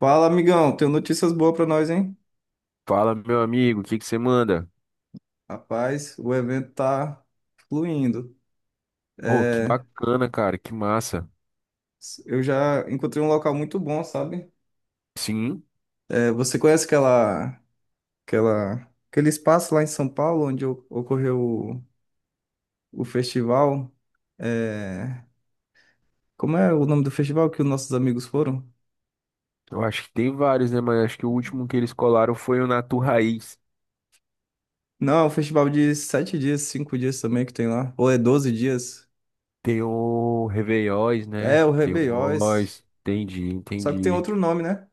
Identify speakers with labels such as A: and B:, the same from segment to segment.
A: Fala, amigão. Tenho notícias boas pra nós, hein?
B: Fala, meu amigo, o que que você manda?
A: Rapaz, o evento tá fluindo.
B: Pô, que
A: É,
B: bacana, cara, que massa.
A: eu já encontrei um local muito bom, sabe?
B: Sim,
A: Você conhece aquela, aquela, aquele espaço lá em São Paulo onde ocorreu o festival? É, Como é o nome do festival que os nossos amigos foram?
B: eu acho que tem vários, né? Mas acho que o último que eles colaram foi o Natu Raiz.
A: Não, é um festival de 7 dias, 5 dias também que tem lá. Ou é 12 dias?
B: Tem o Réveillóis, né?
A: É o
B: Tem o
A: Rebeiões.
B: Oz, entendi,
A: Só que tem
B: entendi.
A: outro nome, né?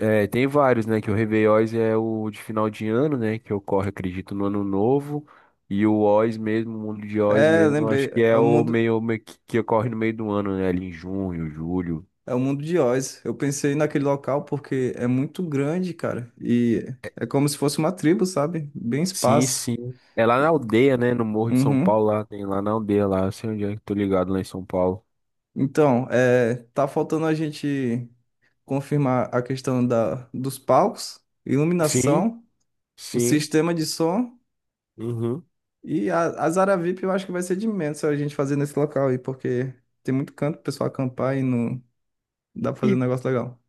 B: É, tem vários, né? Que o Réveillóis é o de final de ano, né? Que ocorre, acredito, no ano novo. E o Oz mesmo, o mundo de Oz
A: É,
B: mesmo, eu acho
A: lembrei.
B: que é o meio, meio que ocorre no meio do ano, né? Ali em junho, julho.
A: É o mundo de Oz. Eu pensei naquele local porque é muito grande, cara. E é como se fosse uma tribo, sabe? Bem
B: Sim,
A: espaço.
B: sim. É lá na aldeia, né? No Morro de São
A: Uhum.
B: Paulo, lá tem lá na aldeia, lá. Eu sei onde é que tô ligado lá em São Paulo.
A: Então, é, tá faltando a gente confirmar a questão dos palcos,
B: Sim,
A: iluminação, o
B: sim.
A: sistema de som
B: Uhum.
A: e a Zara VIP eu acho que vai ser de menos a gente fazer nesse local aí, porque tem muito canto pro pessoal acampar e não dá pra fazer um
B: E,
A: negócio legal.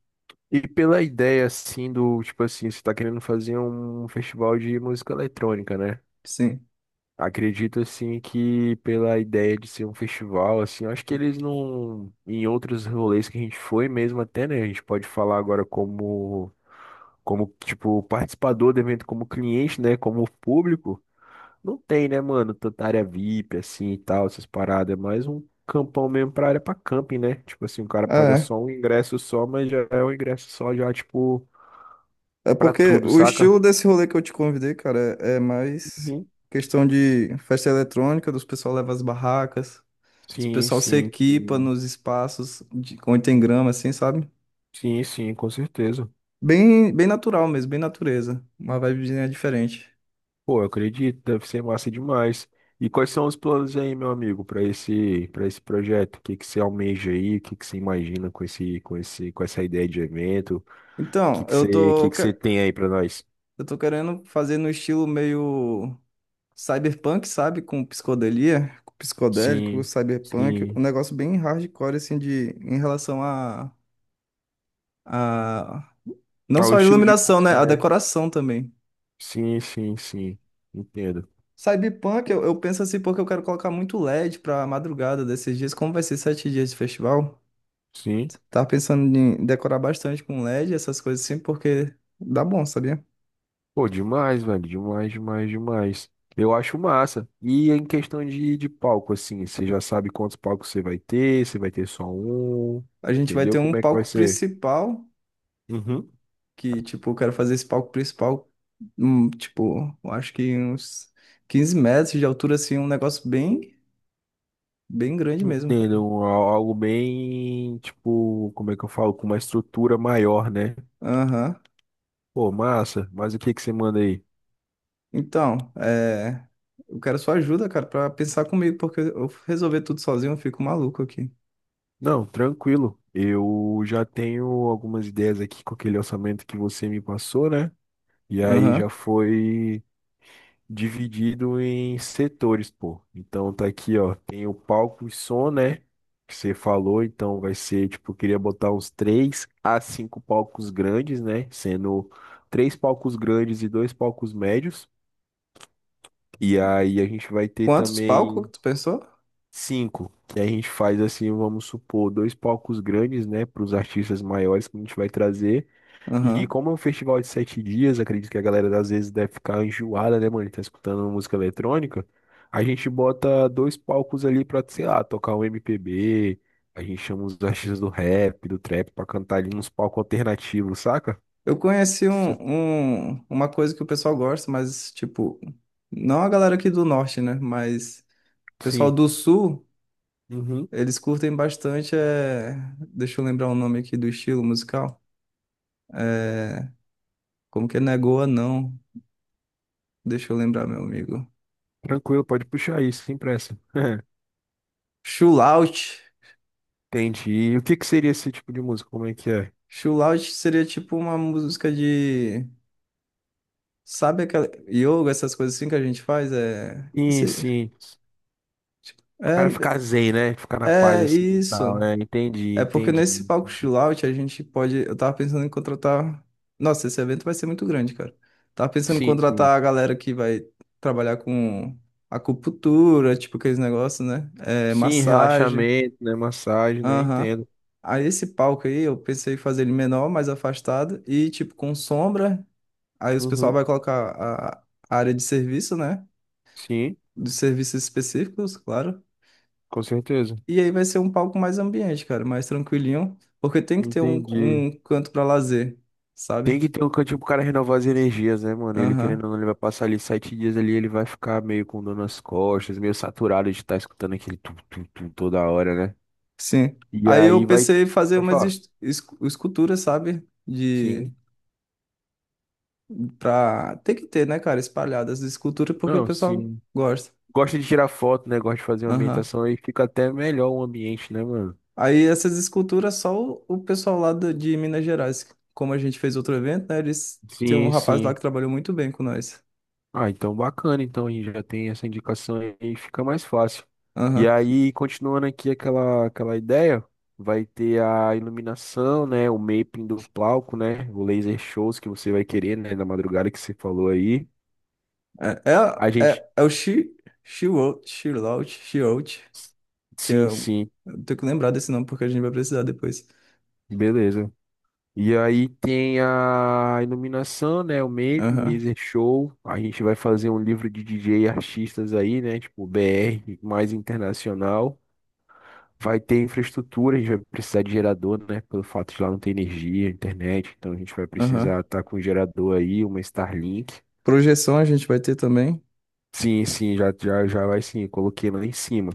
B: e pela ideia, assim, tipo assim, você tá querendo fazer um festival de música eletrônica, né?
A: Sim,
B: Acredito, assim, que pela ideia de ser um festival, assim, eu acho que eles não. Em outros rolês que a gente foi mesmo, até, né? A gente pode falar agora como. Como, tipo, participador do evento, como cliente, né? Como público. Não tem, né, mano, tanta área VIP, assim, e tal, essas paradas. É mais um campão mesmo pra área pra camping, né? Tipo assim, o cara paga
A: é.
B: só um ingresso só, mas já é um ingresso só, já, tipo,
A: É
B: pra
A: porque
B: tudo,
A: o
B: saca?
A: estilo desse rolê que eu te convidei, cara, é mais
B: Uhum.
A: questão de festa eletrônica, dos pessoal leva as barracas, os
B: Sim,
A: pessoal se
B: sim,
A: equipa
B: sim,
A: nos espaços de, onde tem grama, assim, sabe?
B: sim, sim, com certeza.
A: Bem, bem natural mesmo, bem natureza, uma vibezinha diferente.
B: Pô, eu acredito, deve ser massa demais. E quais são os planos aí, meu amigo, para esse projeto? O que que você almeja aí? O que que você imagina com essa ideia de evento? O que
A: Então,
B: que você, o que que você tem aí pra nós?
A: eu tô querendo fazer no estilo meio cyberpunk, sabe? Com psicodelia, com psicodélico,
B: Sim,
A: cyberpunk,
B: sim.
A: um negócio bem hardcore, assim, de, em relação a a- Não
B: Ah, o
A: só a
B: estilo de
A: iluminação, né?
B: música,
A: A
B: né?
A: decoração também.
B: Sim, sim, sim. Entendo.
A: Cyberpunk, eu penso assim porque eu quero colocar muito LED pra madrugada desses dias. Como vai ser 7 dias de festival?
B: Sim.
A: Tava pensando em decorar bastante com LED, essas coisas assim, porque dá bom, sabia?
B: Pô, demais, velho. Demais, demais, demais. Eu acho massa. E em questão de palco, assim, você já sabe quantos palcos você vai ter só um,
A: A gente vai ter
B: entendeu?
A: um
B: Como é que vai
A: palco
B: ser?
A: principal,
B: Uhum.
A: que, tipo, eu quero fazer esse palco principal, tipo, eu acho que uns 15 metros de altura, assim, um negócio bem, bem grande mesmo, cara.
B: Entendo. Algo bem, tipo, como é que eu falo? Com uma estrutura maior, né?
A: Aham.
B: Pô, massa. Mas o que que você manda aí?
A: Então, é, eu quero sua ajuda, cara, pra pensar comigo, porque eu resolver tudo sozinho, eu fico maluco aqui.
B: Não, tranquilo. Eu já tenho algumas ideias aqui com aquele orçamento que você me passou, né? E aí já
A: Aham.
B: foi dividido em setores, pô. Então tá aqui, ó. Tem o palco e som, né? Que você falou. Então vai ser, tipo, eu queria botar uns três a cinco palcos grandes, né? Sendo três palcos grandes e dois palcos médios. E aí a gente vai ter
A: Quantos palcos
B: também
A: que tu pensou?
B: cinco. Que a gente faz assim, vamos supor, dois palcos grandes, né? Para os artistas maiores que a gente vai trazer. E
A: Aham.
B: como é um festival de 7 dias, acredito que a galera às vezes deve ficar enjoada, né, mano? Tá escutando música eletrônica. A gente bota dois palcos ali pra, sei lá, tocar um MPB. A gente chama os artistas do rap, do trap, pra cantar ali nos palcos alternativos, saca?
A: Eu conheci
B: Isso.
A: uma coisa que o pessoal gosta, mas, tipo, não a galera aqui do norte, né? Mas o pessoal
B: Sim.
A: do sul,
B: Uhum.
A: eles curtem bastante. É... Deixa eu lembrar o nome aqui do estilo musical. Como que é Negoa, não? Deixa eu lembrar, meu amigo.
B: Tranquilo, pode puxar isso, sem pressa.
A: Chulaut.
B: Entendi. E o que que seria esse tipo de música? Como é que é?
A: Chulaut seria tipo uma música de. Sabe aquela yoga, essas coisas assim que a gente faz? É,
B: Sim, sim.
A: tipo,
B: O
A: é,
B: cara ficar zen, né? Ficar na paz
A: é
B: assim e tal,
A: isso.
B: né? Entendi,
A: É porque
B: entendi.
A: nesse palco chill out a gente pode. Eu tava pensando em contratar. Nossa, esse evento vai ser muito grande, cara. Tava pensando em
B: Sim, sim.
A: contratar a galera que vai trabalhar com acupuntura, tipo aqueles negócios, né? É,
B: Sim,
A: massagem.
B: relaxamento, né? Massagem, né?
A: Aham.
B: Entendo.
A: Aí esse palco aí eu pensei em fazer ele menor, mais afastado e tipo com sombra. Aí os pessoal
B: Uhum.
A: vai colocar a a área de serviço, né?
B: Sim,
A: Dos serviços específicos, claro.
B: com certeza.
A: E aí vai ser um palco mais ambiente, cara, mais tranquilinho, porque tem que ter
B: Entendi.
A: um canto para lazer, sabe?
B: Tem que ter um cantinho pro cara renovar as energias, né, mano? Ele querendo
A: Aham,
B: ou não, ele vai passar ali 7 dias ali, ele vai ficar meio com dor nas costas, meio saturado de estar escutando aquele tum, tum, tum toda hora, né?
A: sim.
B: E
A: Aí eu
B: aí vai.
A: pensei em fazer
B: Pode falar.
A: esculturas, sabe?
B: Sim.
A: Tem que ter, né, cara, espalhadas de escultura, porque o
B: Não,
A: pessoal
B: sim.
A: gosta.
B: Gosta de tirar foto, né? Gosta de fazer uma
A: Aham.
B: ambientação aí, fica até melhor o ambiente, né, mano?
A: Aí essas esculturas, só o pessoal lá de Minas Gerais, como a gente fez outro evento, né, eles, tem um
B: Sim,
A: rapaz lá
B: sim.
A: que trabalhou muito bem com nós.
B: Ah, então bacana, então aí já tem essa indicação aí, fica mais fácil. E
A: Aham.
B: aí, continuando aqui aquela ideia, vai ter a iluminação, né, o mapping do palco, né, o laser shows que você vai querer, né, na madrugada que você falou aí.
A: É,
B: A gente,
A: é o She Wrote, que
B: sim,
A: é.
B: sim,
A: Eu tenho que lembrar desse nome porque a gente vai precisar depois.
B: beleza. E aí tem a iluminação, né, o mapping,
A: Aham,
B: laser show. A gente vai fazer um livro de DJ e artistas aí, né, tipo BR mais internacional. Vai ter infraestrutura, a gente vai precisar de gerador, né? Pelo fato de lá não ter energia, internet, então a gente vai
A: aham.
B: precisar estar com um gerador aí, uma Starlink.
A: Projeção a gente vai ter também.
B: Sim, sim, já, já, já vai sim, coloquei lá em cima.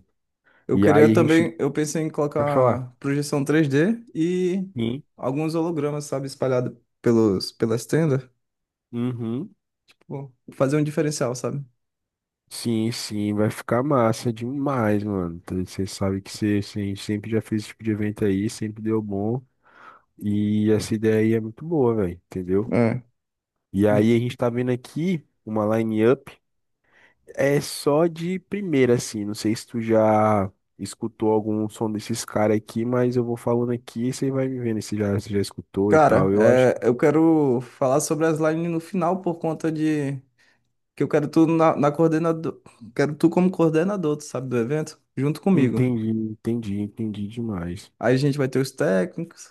A: Eu
B: E
A: queria
B: aí a gente
A: também. Eu pensei em
B: vai falar,
A: colocar projeção 3D e
B: sim,
A: alguns hologramas, sabe, espalhados pelas tendas.
B: uhum,
A: Pô, fazer um diferencial, sabe?
B: sim, sim, vai ficar massa demais, mano. Então, você sabe que você sempre já fez esse tipo de evento aí, sempre deu bom. E essa ideia aí é muito boa, velho, entendeu?
A: É.
B: E aí
A: Do-
B: a gente tá vendo aqui uma line-up. É só de primeira, assim. Não sei se tu já escutou algum som desses caras aqui, mas eu vou falando aqui e você vai me vendo se já escutou e
A: Cara,
B: tal. Eu acho que
A: eu quero falar sobre as lines no final por conta de. Que eu quero tu na coordenador. Quero tu como coordenador, tu sabe, do evento, junto comigo.
B: entendi, entendi, entendi demais.
A: Aí a gente vai ter os técnicos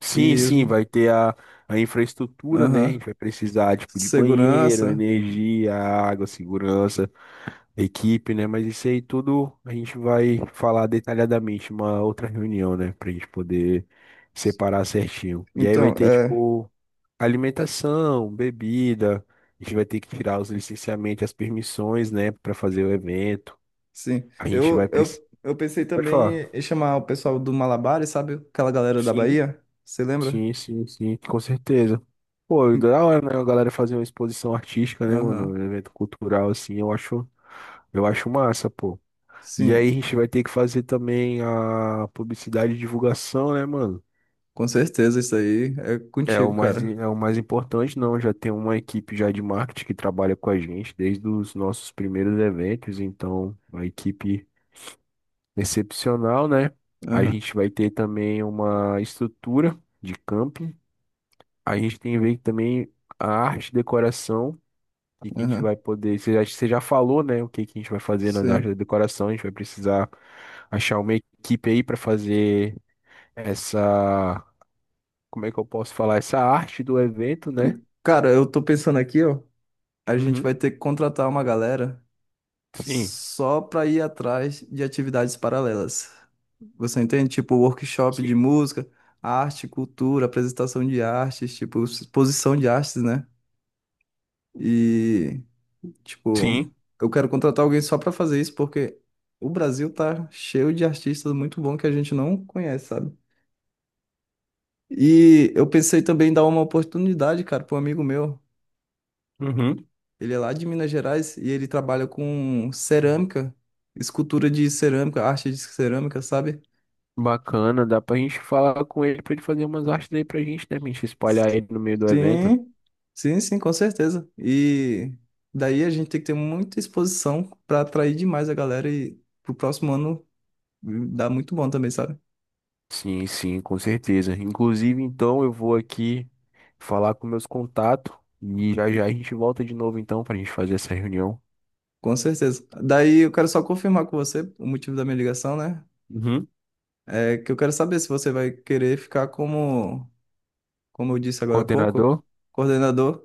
B: Sim,
A: e
B: sim, vai ter a infraestrutura, né? A
A: aham,
B: gente vai precisar, tipo, de banheiro,
A: segurança.
B: energia, água, segurança, equipe, né? Mas isso aí tudo a gente vai falar detalhadamente em uma outra reunião, né? Pra gente poder separar certinho. E aí vai
A: Então,
B: ter,
A: é,
B: tipo, alimentação, bebida, a gente vai ter que tirar os licenciamentos, as permissões, né, para fazer o evento.
A: sim.
B: A gente vai precisar.
A: Eu pensei
B: Pode falar.
A: também em chamar o pessoal do Malabares, sabe? Aquela galera da
B: Sim,
A: Bahia. Você lembra?
B: sim, sim, sim, com certeza. Pô,
A: Hum,
B: da hora, né, a galera fazer uma exposição artística, né, mano,
A: Aham.
B: um evento cultural assim, eu acho massa, pô. E
A: Sim,
B: aí a gente vai ter que fazer também a publicidade e divulgação, né, mano?
A: com certeza isso aí é
B: É o
A: contigo,
B: mais,
A: cara.
B: é o mais importante, não. Já tem uma equipe já de marketing que trabalha com a gente desde os nossos primeiros eventos, então, uma equipe excepcional, né? A
A: Aham,
B: gente vai ter também uma estrutura de camping. A gente tem que ver também a arte e decoração, o que que a gente
A: aham.
B: vai poder. Você já falou, né? O que que a gente vai fazer nas artes
A: Sim.
B: de decoração. A gente vai precisar achar uma equipe aí para fazer essa. Como é que eu posso falar? Essa arte do evento, né?
A: E, cara, eu tô pensando aqui, ó. A gente vai
B: Uhum.
A: ter que contratar uma galera
B: Sim.
A: só para ir atrás de atividades paralelas. Você entende? Tipo, workshop de
B: Sim.
A: música, arte, cultura, apresentação de artes, tipo, exposição de artes, né? E, tipo,
B: Sim.
A: eu quero contratar alguém só para fazer isso, porque o Brasil tá cheio de artistas muito bons que a gente não conhece, sabe? E eu pensei também em dar uma oportunidade, cara, para um amigo meu.
B: Uhum.
A: Ele é lá de Minas Gerais e ele trabalha com cerâmica, escultura de cerâmica, arte de cerâmica, sabe?
B: Bacana, dá pra gente falar com ele pra ele fazer umas artes aí pra gente, né? Pra gente espalhar ele no meio do evento.
A: Sim, sim, sim, com certeza. E daí a gente tem que ter muita exposição para atrair demais a galera e pro próximo ano dá muito bom também, sabe?
B: Sim, sim, com certeza. Inclusive, então, eu vou aqui falar com meus contatos e já já a gente volta de novo, então, pra gente fazer essa reunião.
A: Com certeza. Daí eu quero só confirmar com você o motivo da minha ligação, né?
B: Uhum.
A: É que eu quero saber se você vai querer ficar como, como eu disse agora há pouco,
B: Coordenador?
A: coordenador.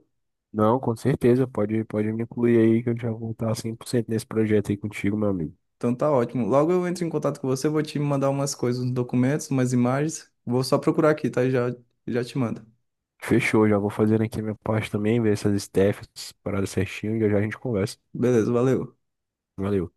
B: Não, com certeza. Pode me incluir aí que eu já vou estar 100% nesse projeto aí contigo, meu amigo.
A: Então tá ótimo. Logo eu entro em contato com você, vou te mandar umas coisas, uns documentos, umas imagens. Vou só procurar aqui, tá? E já, já te mando.
B: Fechou, já vou fazendo aqui a minha parte também, ver essas staffs, essas paradas certinho e já já a gente conversa.
A: Beleza, valeu.
B: Valeu.